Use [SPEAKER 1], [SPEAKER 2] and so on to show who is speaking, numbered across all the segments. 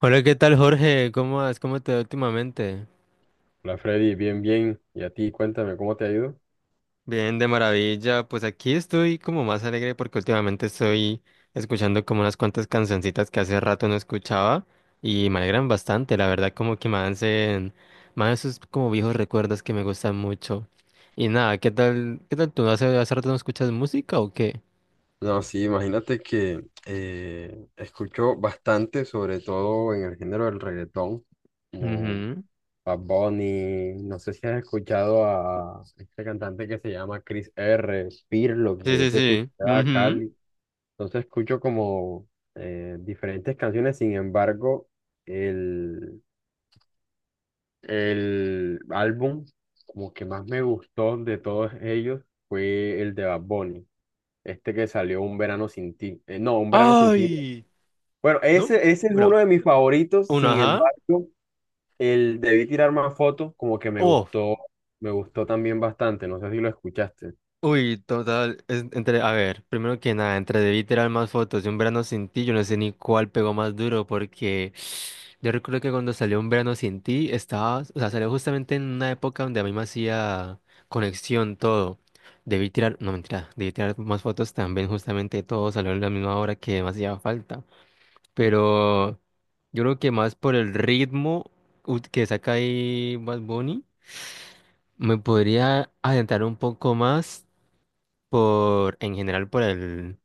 [SPEAKER 1] Hola, ¿qué tal, Jorge? ¿Cómo vas? ¿Cómo te va últimamente?
[SPEAKER 2] Hola Freddy, bien, bien. Y a ti, cuéntame, ¿cómo te ha ido?
[SPEAKER 1] Bien, de maravilla. Pues aquí estoy como más alegre porque últimamente estoy escuchando como unas cuantas cancioncitas que hace rato no escuchaba y me alegran bastante, la verdad, como que me hacen más esos como viejos recuerdos que me gustan mucho. Y nada, ¿qué tal? ¿Qué tal tú? ¿Hace rato no escuchas música o qué?
[SPEAKER 2] No, sí, imagínate que escucho bastante, sobre todo en el género del reggaetón, como
[SPEAKER 1] Ujú.
[SPEAKER 2] Bad Bunny, no sé si has escuchado a este cantante que se llama Chris R. Pirlo,
[SPEAKER 1] Sí,
[SPEAKER 2] que
[SPEAKER 1] sí,
[SPEAKER 2] es de tu
[SPEAKER 1] sí.
[SPEAKER 2] ciudad,
[SPEAKER 1] Ujú.
[SPEAKER 2] Cali. Entonces escucho como diferentes canciones. Sin embargo, el, el álbum como que más me gustó de todos ellos fue el de Bad Bunny. Este que salió Un verano sin ti. No, Un verano sin ti, no.
[SPEAKER 1] Ay,
[SPEAKER 2] Bueno,
[SPEAKER 1] no.
[SPEAKER 2] ese es uno
[SPEAKER 1] Bueno,
[SPEAKER 2] de mis favoritos.
[SPEAKER 1] un
[SPEAKER 2] Sin
[SPEAKER 1] ajá.
[SPEAKER 2] embargo, el Debí tirar más fotos, como que
[SPEAKER 1] ¡Uf!
[SPEAKER 2] me gustó también bastante. No sé si lo escuchaste.
[SPEAKER 1] Uy, total, entre, a ver, primero que nada, entre debí tirar más fotos de un verano sin ti, yo no sé ni cuál pegó más duro, porque yo recuerdo que cuando salió un verano sin ti, estaba, o sea, salió justamente en una época donde a mí me hacía conexión todo. Debí tirar, no mentira, debí tirar más fotos también, justamente todo salió en la misma hora que me hacía falta. Pero yo creo que más por el ritmo que saca ahí Bad Bunny, me podría adentrar un poco más por, en general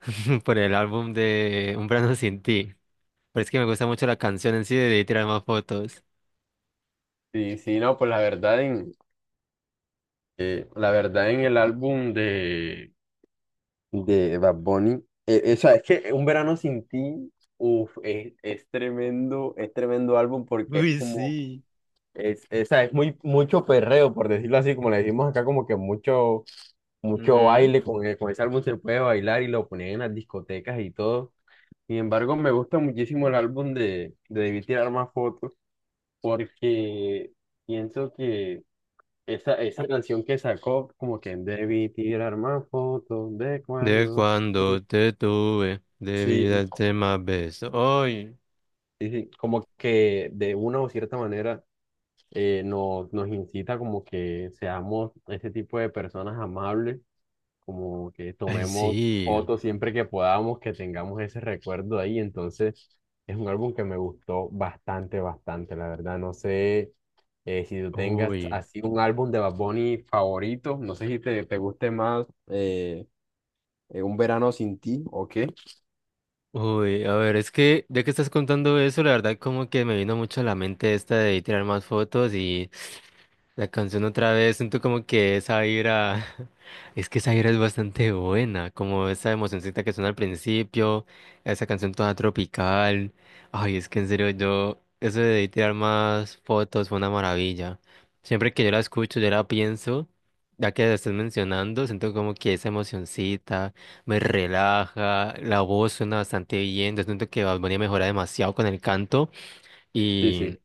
[SPEAKER 1] por el álbum de Un verano sin ti. Pero es que me gusta mucho la canción en sí, de tirar más fotos.
[SPEAKER 2] Sí, sí, no, pues la verdad en el álbum de Bad Bunny, o sea, es que Un verano sin ti, uf, es tremendo álbum porque es
[SPEAKER 1] Uy,
[SPEAKER 2] como,
[SPEAKER 1] sí.
[SPEAKER 2] es, o sea, es muy, mucho perreo, por decirlo así, como le decimos acá, como que mucho
[SPEAKER 1] Ujú.
[SPEAKER 2] baile, con ese álbum se puede bailar y lo ponían en las discotecas y todo. Sin embargo, me gusta muchísimo el álbum de Debí tirar más fotos, porque pienso que esa canción que sacó, como que debí tirar más fotos de
[SPEAKER 1] De
[SPEAKER 2] cuando tú.
[SPEAKER 1] cuando te tuve, debí
[SPEAKER 2] Sí,
[SPEAKER 1] darte más besos. Ay,
[SPEAKER 2] sí, sí, como que de una o cierta manera, nos incita como que seamos ese tipo de personas amables, como que
[SPEAKER 1] ay,
[SPEAKER 2] tomemos
[SPEAKER 1] sí.
[SPEAKER 2] fotos siempre que podamos, que tengamos ese recuerdo ahí. Entonces, es un álbum que me gustó bastante, bastante, la verdad. No sé si tú tengas
[SPEAKER 1] Uy,
[SPEAKER 2] así un álbum de Bad Bunny favorito, no sé si te guste más Un Verano Sin Ti o qué.
[SPEAKER 1] uy. A ver, es que ya que estás contando eso, la verdad como que me vino mucho a la mente esta de tirar más fotos y la canción otra vez, siento como que esa vibra, es que esa vibra es bastante buena, como esa emocioncita que suena al principio, esa canción toda tropical, ay, es que en serio yo, eso de tirar más fotos fue una maravilla. Siempre que yo la escucho, yo la pienso, ya que la estás mencionando, siento como que esa emocioncita me relaja, la voz suena bastante bien, yo siento que Bad Bunny mejora demasiado con el canto.
[SPEAKER 2] Sí, sí.
[SPEAKER 1] Y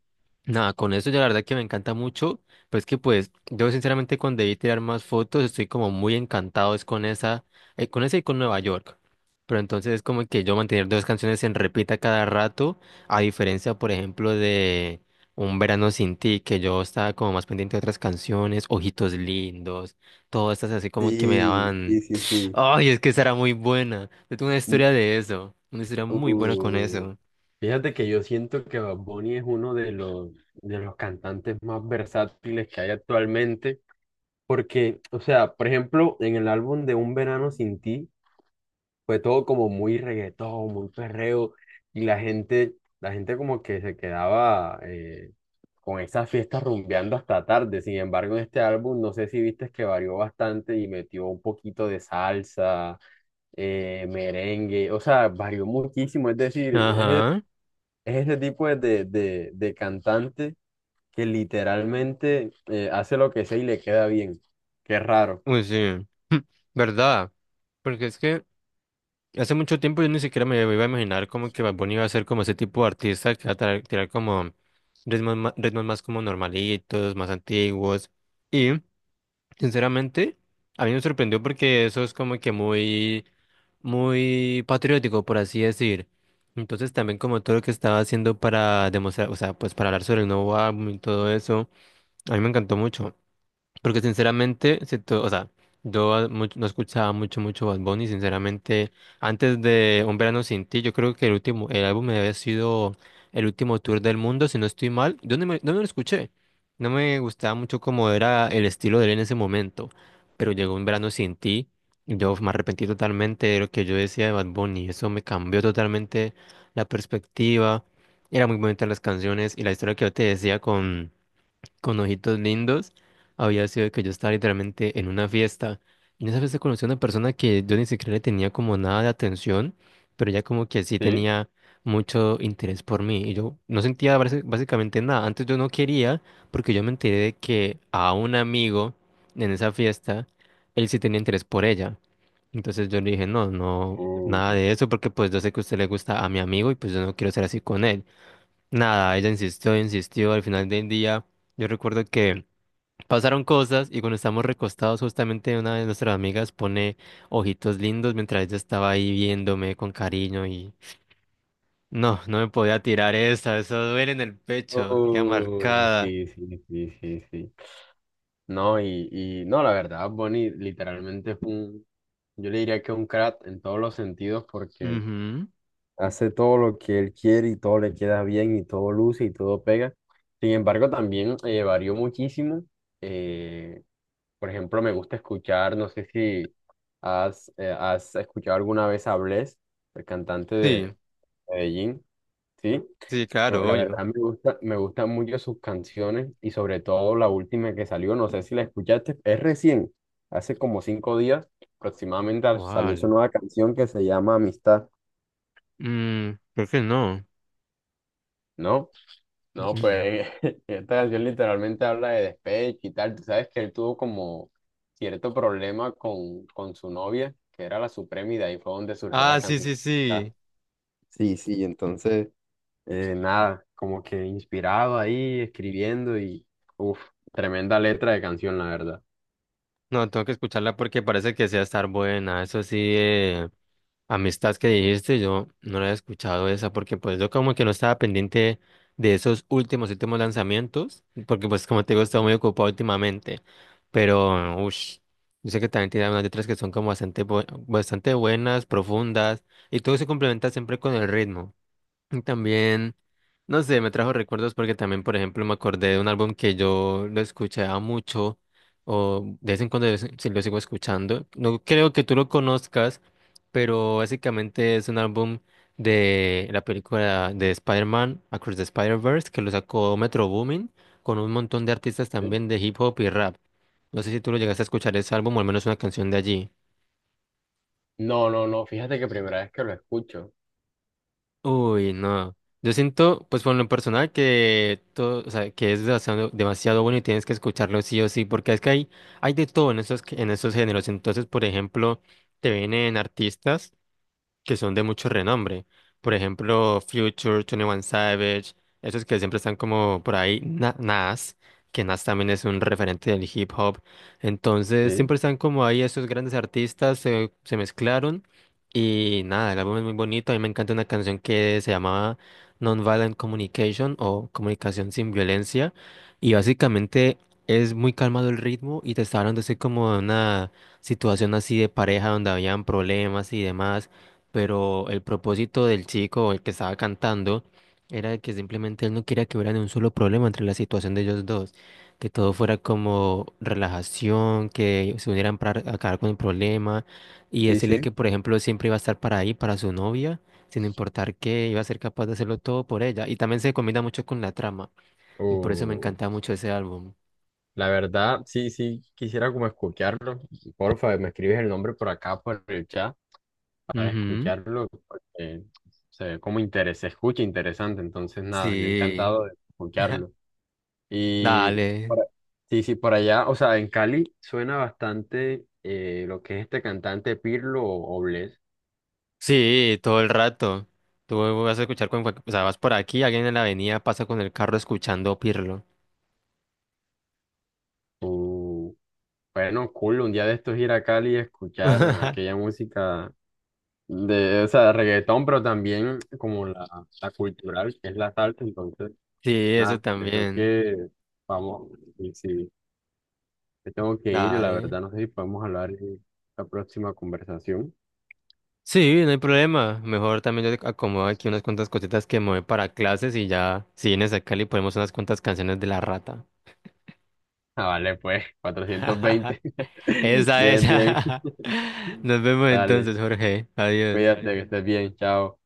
[SPEAKER 1] nada, con eso ya la verdad que me encanta mucho. Pues que pues yo sinceramente cuando debí tirar más fotos estoy como muy encantado es con esa y con Nueva York. Pero entonces es como que yo mantener dos canciones en repita cada rato, a diferencia, por ejemplo, de Un Verano Sin Ti, que yo estaba como más pendiente de otras canciones, Ojitos Lindos, todas estas así como que me
[SPEAKER 2] Sí,
[SPEAKER 1] daban,
[SPEAKER 2] sí, sí, sí.
[SPEAKER 1] ay, es que esa era muy buena. Yo tengo una
[SPEAKER 2] Mm,
[SPEAKER 1] historia de eso, una historia muy buena con
[SPEAKER 2] uh,
[SPEAKER 1] eso.
[SPEAKER 2] Fíjate que yo siento que Bad Bunny es uno de de los cantantes más versátiles que hay actualmente. Porque, o sea, por ejemplo, en el álbum de Un Verano Sin Ti fue todo como muy reggaetón, muy perreo, y la gente como que se quedaba con esas fiestas rumbeando hasta tarde. Sin embargo, en este álbum, no sé si viste que varió bastante y metió un poquito de salsa, merengue, o sea, varió muchísimo. Es decir, es, e-
[SPEAKER 1] Ajá.
[SPEAKER 2] Es ese tipo de de cantante que literalmente hace lo que sea y le queda bien. Qué raro.
[SPEAKER 1] Uy, sí, verdad, porque es que hace mucho tiempo yo ni siquiera me iba a imaginar como que Bad Bunny iba a ser como ese tipo de artista que va a tirar como ritmos más como normalitos, más antiguos, y sinceramente a mí me sorprendió porque eso es como que muy, muy patriótico, por así decir, entonces también como todo lo que estaba haciendo para demostrar, o sea, pues para hablar sobre el nuevo álbum y todo eso, a mí me encantó mucho. Porque sinceramente, o sea, yo no escuchaba mucho, mucho Bad Bunny, sinceramente, antes de Un Verano Sin Ti, yo creo que el álbum había sido el último tour del mundo, si no estoy mal, yo no me lo escuché, no me gustaba mucho cómo era el estilo de él en ese momento, pero llegó Un Verano Sin Ti, y yo me arrepentí totalmente de lo que yo decía de Bad Bunny, eso me cambió totalmente la perspectiva, eran muy bonitas las canciones y la historia que yo te decía con ojitos lindos, había sido de que yo estaba literalmente en una fiesta. Y en esa fiesta conocí a una persona que yo ni siquiera le tenía como nada de atención, pero ella como que sí
[SPEAKER 2] Sí.
[SPEAKER 1] tenía mucho interés por mí. Y yo no sentía básicamente nada. Antes yo no quería, porque yo me enteré de que a un amigo en esa fiesta, él sí tenía interés por ella. Entonces yo le dije, no, no, nada
[SPEAKER 2] Uh,
[SPEAKER 1] de eso, porque pues yo sé que a usted le gusta a mi amigo y pues yo no quiero ser así con él. Nada, ella insistió, insistió, al final del día yo recuerdo que pasaron cosas y cuando estamos recostados justamente una de nuestras amigas pone ojitos lindos mientras ella estaba ahí viéndome con cariño y no, no me podía tirar esa, eso duele en el pecho, queda marcada.
[SPEAKER 2] sí, sí, sí, sí, sí. No, y no, la verdad, Bonnie literalmente yo le diría que es un crack en todos los sentidos, porque
[SPEAKER 1] Ujú.
[SPEAKER 2] hace todo lo que él quiere y todo le queda bien y todo luce y todo pega. Sin embargo, también varió muchísimo. Eh, por ejemplo, me gusta escuchar, no sé si has escuchado alguna vez a Bless, el cantante
[SPEAKER 1] Sí,
[SPEAKER 2] de Medellín, ¿sí?
[SPEAKER 1] sí,
[SPEAKER 2] No,
[SPEAKER 1] claro,
[SPEAKER 2] la
[SPEAKER 1] obvio.
[SPEAKER 2] verdad me gusta, me gustan mucho sus canciones, y sobre todo la última que salió, no sé si la escuchaste, es recién, hace como cinco días aproximadamente salió su
[SPEAKER 1] ¿Cuál?
[SPEAKER 2] nueva canción que se llama Amistad,
[SPEAKER 1] Mm, creo que no.
[SPEAKER 2] ¿no?
[SPEAKER 1] Mm,
[SPEAKER 2] No,
[SPEAKER 1] mm.
[SPEAKER 2] pues esta canción literalmente habla de despecho y tal. Tú sabes que él tuvo como cierto problema con su novia, que era la Suprema, y de ahí fue donde surgió la
[SPEAKER 1] Ah, sí,
[SPEAKER 2] canción.
[SPEAKER 1] sí,
[SPEAKER 2] ¿Verdad?
[SPEAKER 1] sí.
[SPEAKER 2] Sí, sí, entonces nada, como que inspirado ahí, escribiendo y, uff, tremenda letra de canción, la verdad.
[SPEAKER 1] No, tengo que escucharla porque parece que sea estar buena, eso sí, Amistad que dijiste, yo no la había escuchado esa porque pues yo como que no estaba pendiente de esos últimos lanzamientos, porque pues como te digo, he estado muy ocupado últimamente, pero uff, yo sé que también tiene unas letras que son como bastante, bastante buenas, profundas, y todo se complementa siempre con el ritmo. Y también, no sé, me trajo recuerdos porque también, por ejemplo, me acordé de un álbum que yo lo escuchaba mucho o de vez en cuando si lo sigo escuchando. No creo que tú lo conozcas, pero básicamente es un álbum de la película de Spider-Man, Across the Spider-Verse, que lo sacó Metro Boomin con un montón de artistas
[SPEAKER 2] ¿Sí?
[SPEAKER 1] también de hip hop y rap. No sé si tú lo llegaste a escuchar ese álbum o al menos una canción de allí.
[SPEAKER 2] No, no, no, fíjate que primera vez que lo escucho.
[SPEAKER 1] Uy, no. Yo siento, pues por lo personal, que todo, o sea, que es demasiado, demasiado bueno y tienes que escucharlo sí o sí, porque es que hay de todo en esos géneros. Entonces, por ejemplo, te vienen artistas que son de mucho renombre. Por ejemplo, Future, 21 Savage, esos que siempre están como por ahí, Nas, que Nas también es un referente del hip hop. Entonces,
[SPEAKER 2] Sí,
[SPEAKER 1] siempre están como ahí esos grandes artistas, se mezclaron. Y nada, el álbum es muy bonito. A mí me encanta una canción que se llamaba Nonviolent Communication o Comunicación sin Violencia. Y básicamente es muy calmado el ritmo y te está hablando así como de una situación así de pareja donde habían problemas y demás, pero el propósito del chico, el que estaba cantando, era de que simplemente él no quería que hubiera ni un solo problema entre la situación de ellos dos, que todo fuera como relajación, que se unieran para acabar con el problema y
[SPEAKER 2] sí,
[SPEAKER 1] decirle que,
[SPEAKER 2] sí.
[SPEAKER 1] por ejemplo, siempre iba a estar para ahí, para su novia, sin importar qué, iba a ser capaz de hacerlo todo por ella. Y también se combina mucho con la trama, y por eso me
[SPEAKER 2] Uh,
[SPEAKER 1] encanta mucho ese álbum.
[SPEAKER 2] la verdad, sí, sí, quisiera como escucharlo. Porfa, me escribes el nombre por acá, por el chat, para
[SPEAKER 1] Ujú,
[SPEAKER 2] escucharlo, porque se ve como interés, se escucha interesante. Entonces nada, yo
[SPEAKER 1] sí,
[SPEAKER 2] encantado de escucharlo. Y
[SPEAKER 1] dale.
[SPEAKER 2] por- a- sí, sí, por allá, o sea, en Cali suena bastante, lo que es este cantante Pirlo o Bless.
[SPEAKER 1] Sí, todo el rato. Tú vas a escuchar con cualquier... O sea, vas por aquí, alguien en la avenida pasa con el carro escuchando Pirlo.
[SPEAKER 2] Uh, bueno, cool, un día de estos ir a Cali y escuchar aquella música de, o sea, reggaetón, pero también como la cultural, que es la salsa. Entonces,
[SPEAKER 1] Sí,
[SPEAKER 2] nada,
[SPEAKER 1] eso
[SPEAKER 2] creo
[SPEAKER 1] también.
[SPEAKER 2] que vamos, y sí, me tengo que ir, la
[SPEAKER 1] Dale.
[SPEAKER 2] verdad. No sé si podemos hablar en la próxima conversación.
[SPEAKER 1] Sí, no hay problema. Mejor también yo te acomodo aquí unas cuantas cositas que me voy para clases y ya, si vienes acá, le ponemos unas cuantas canciones de la rata.
[SPEAKER 2] Ah, vale, pues, cuatrocientos veinte
[SPEAKER 1] Esa,
[SPEAKER 2] Bien, bien.
[SPEAKER 1] esa. Nos vemos
[SPEAKER 2] Dale,
[SPEAKER 1] entonces, Jorge. Adiós.
[SPEAKER 2] cuídate, que estés bien, chao.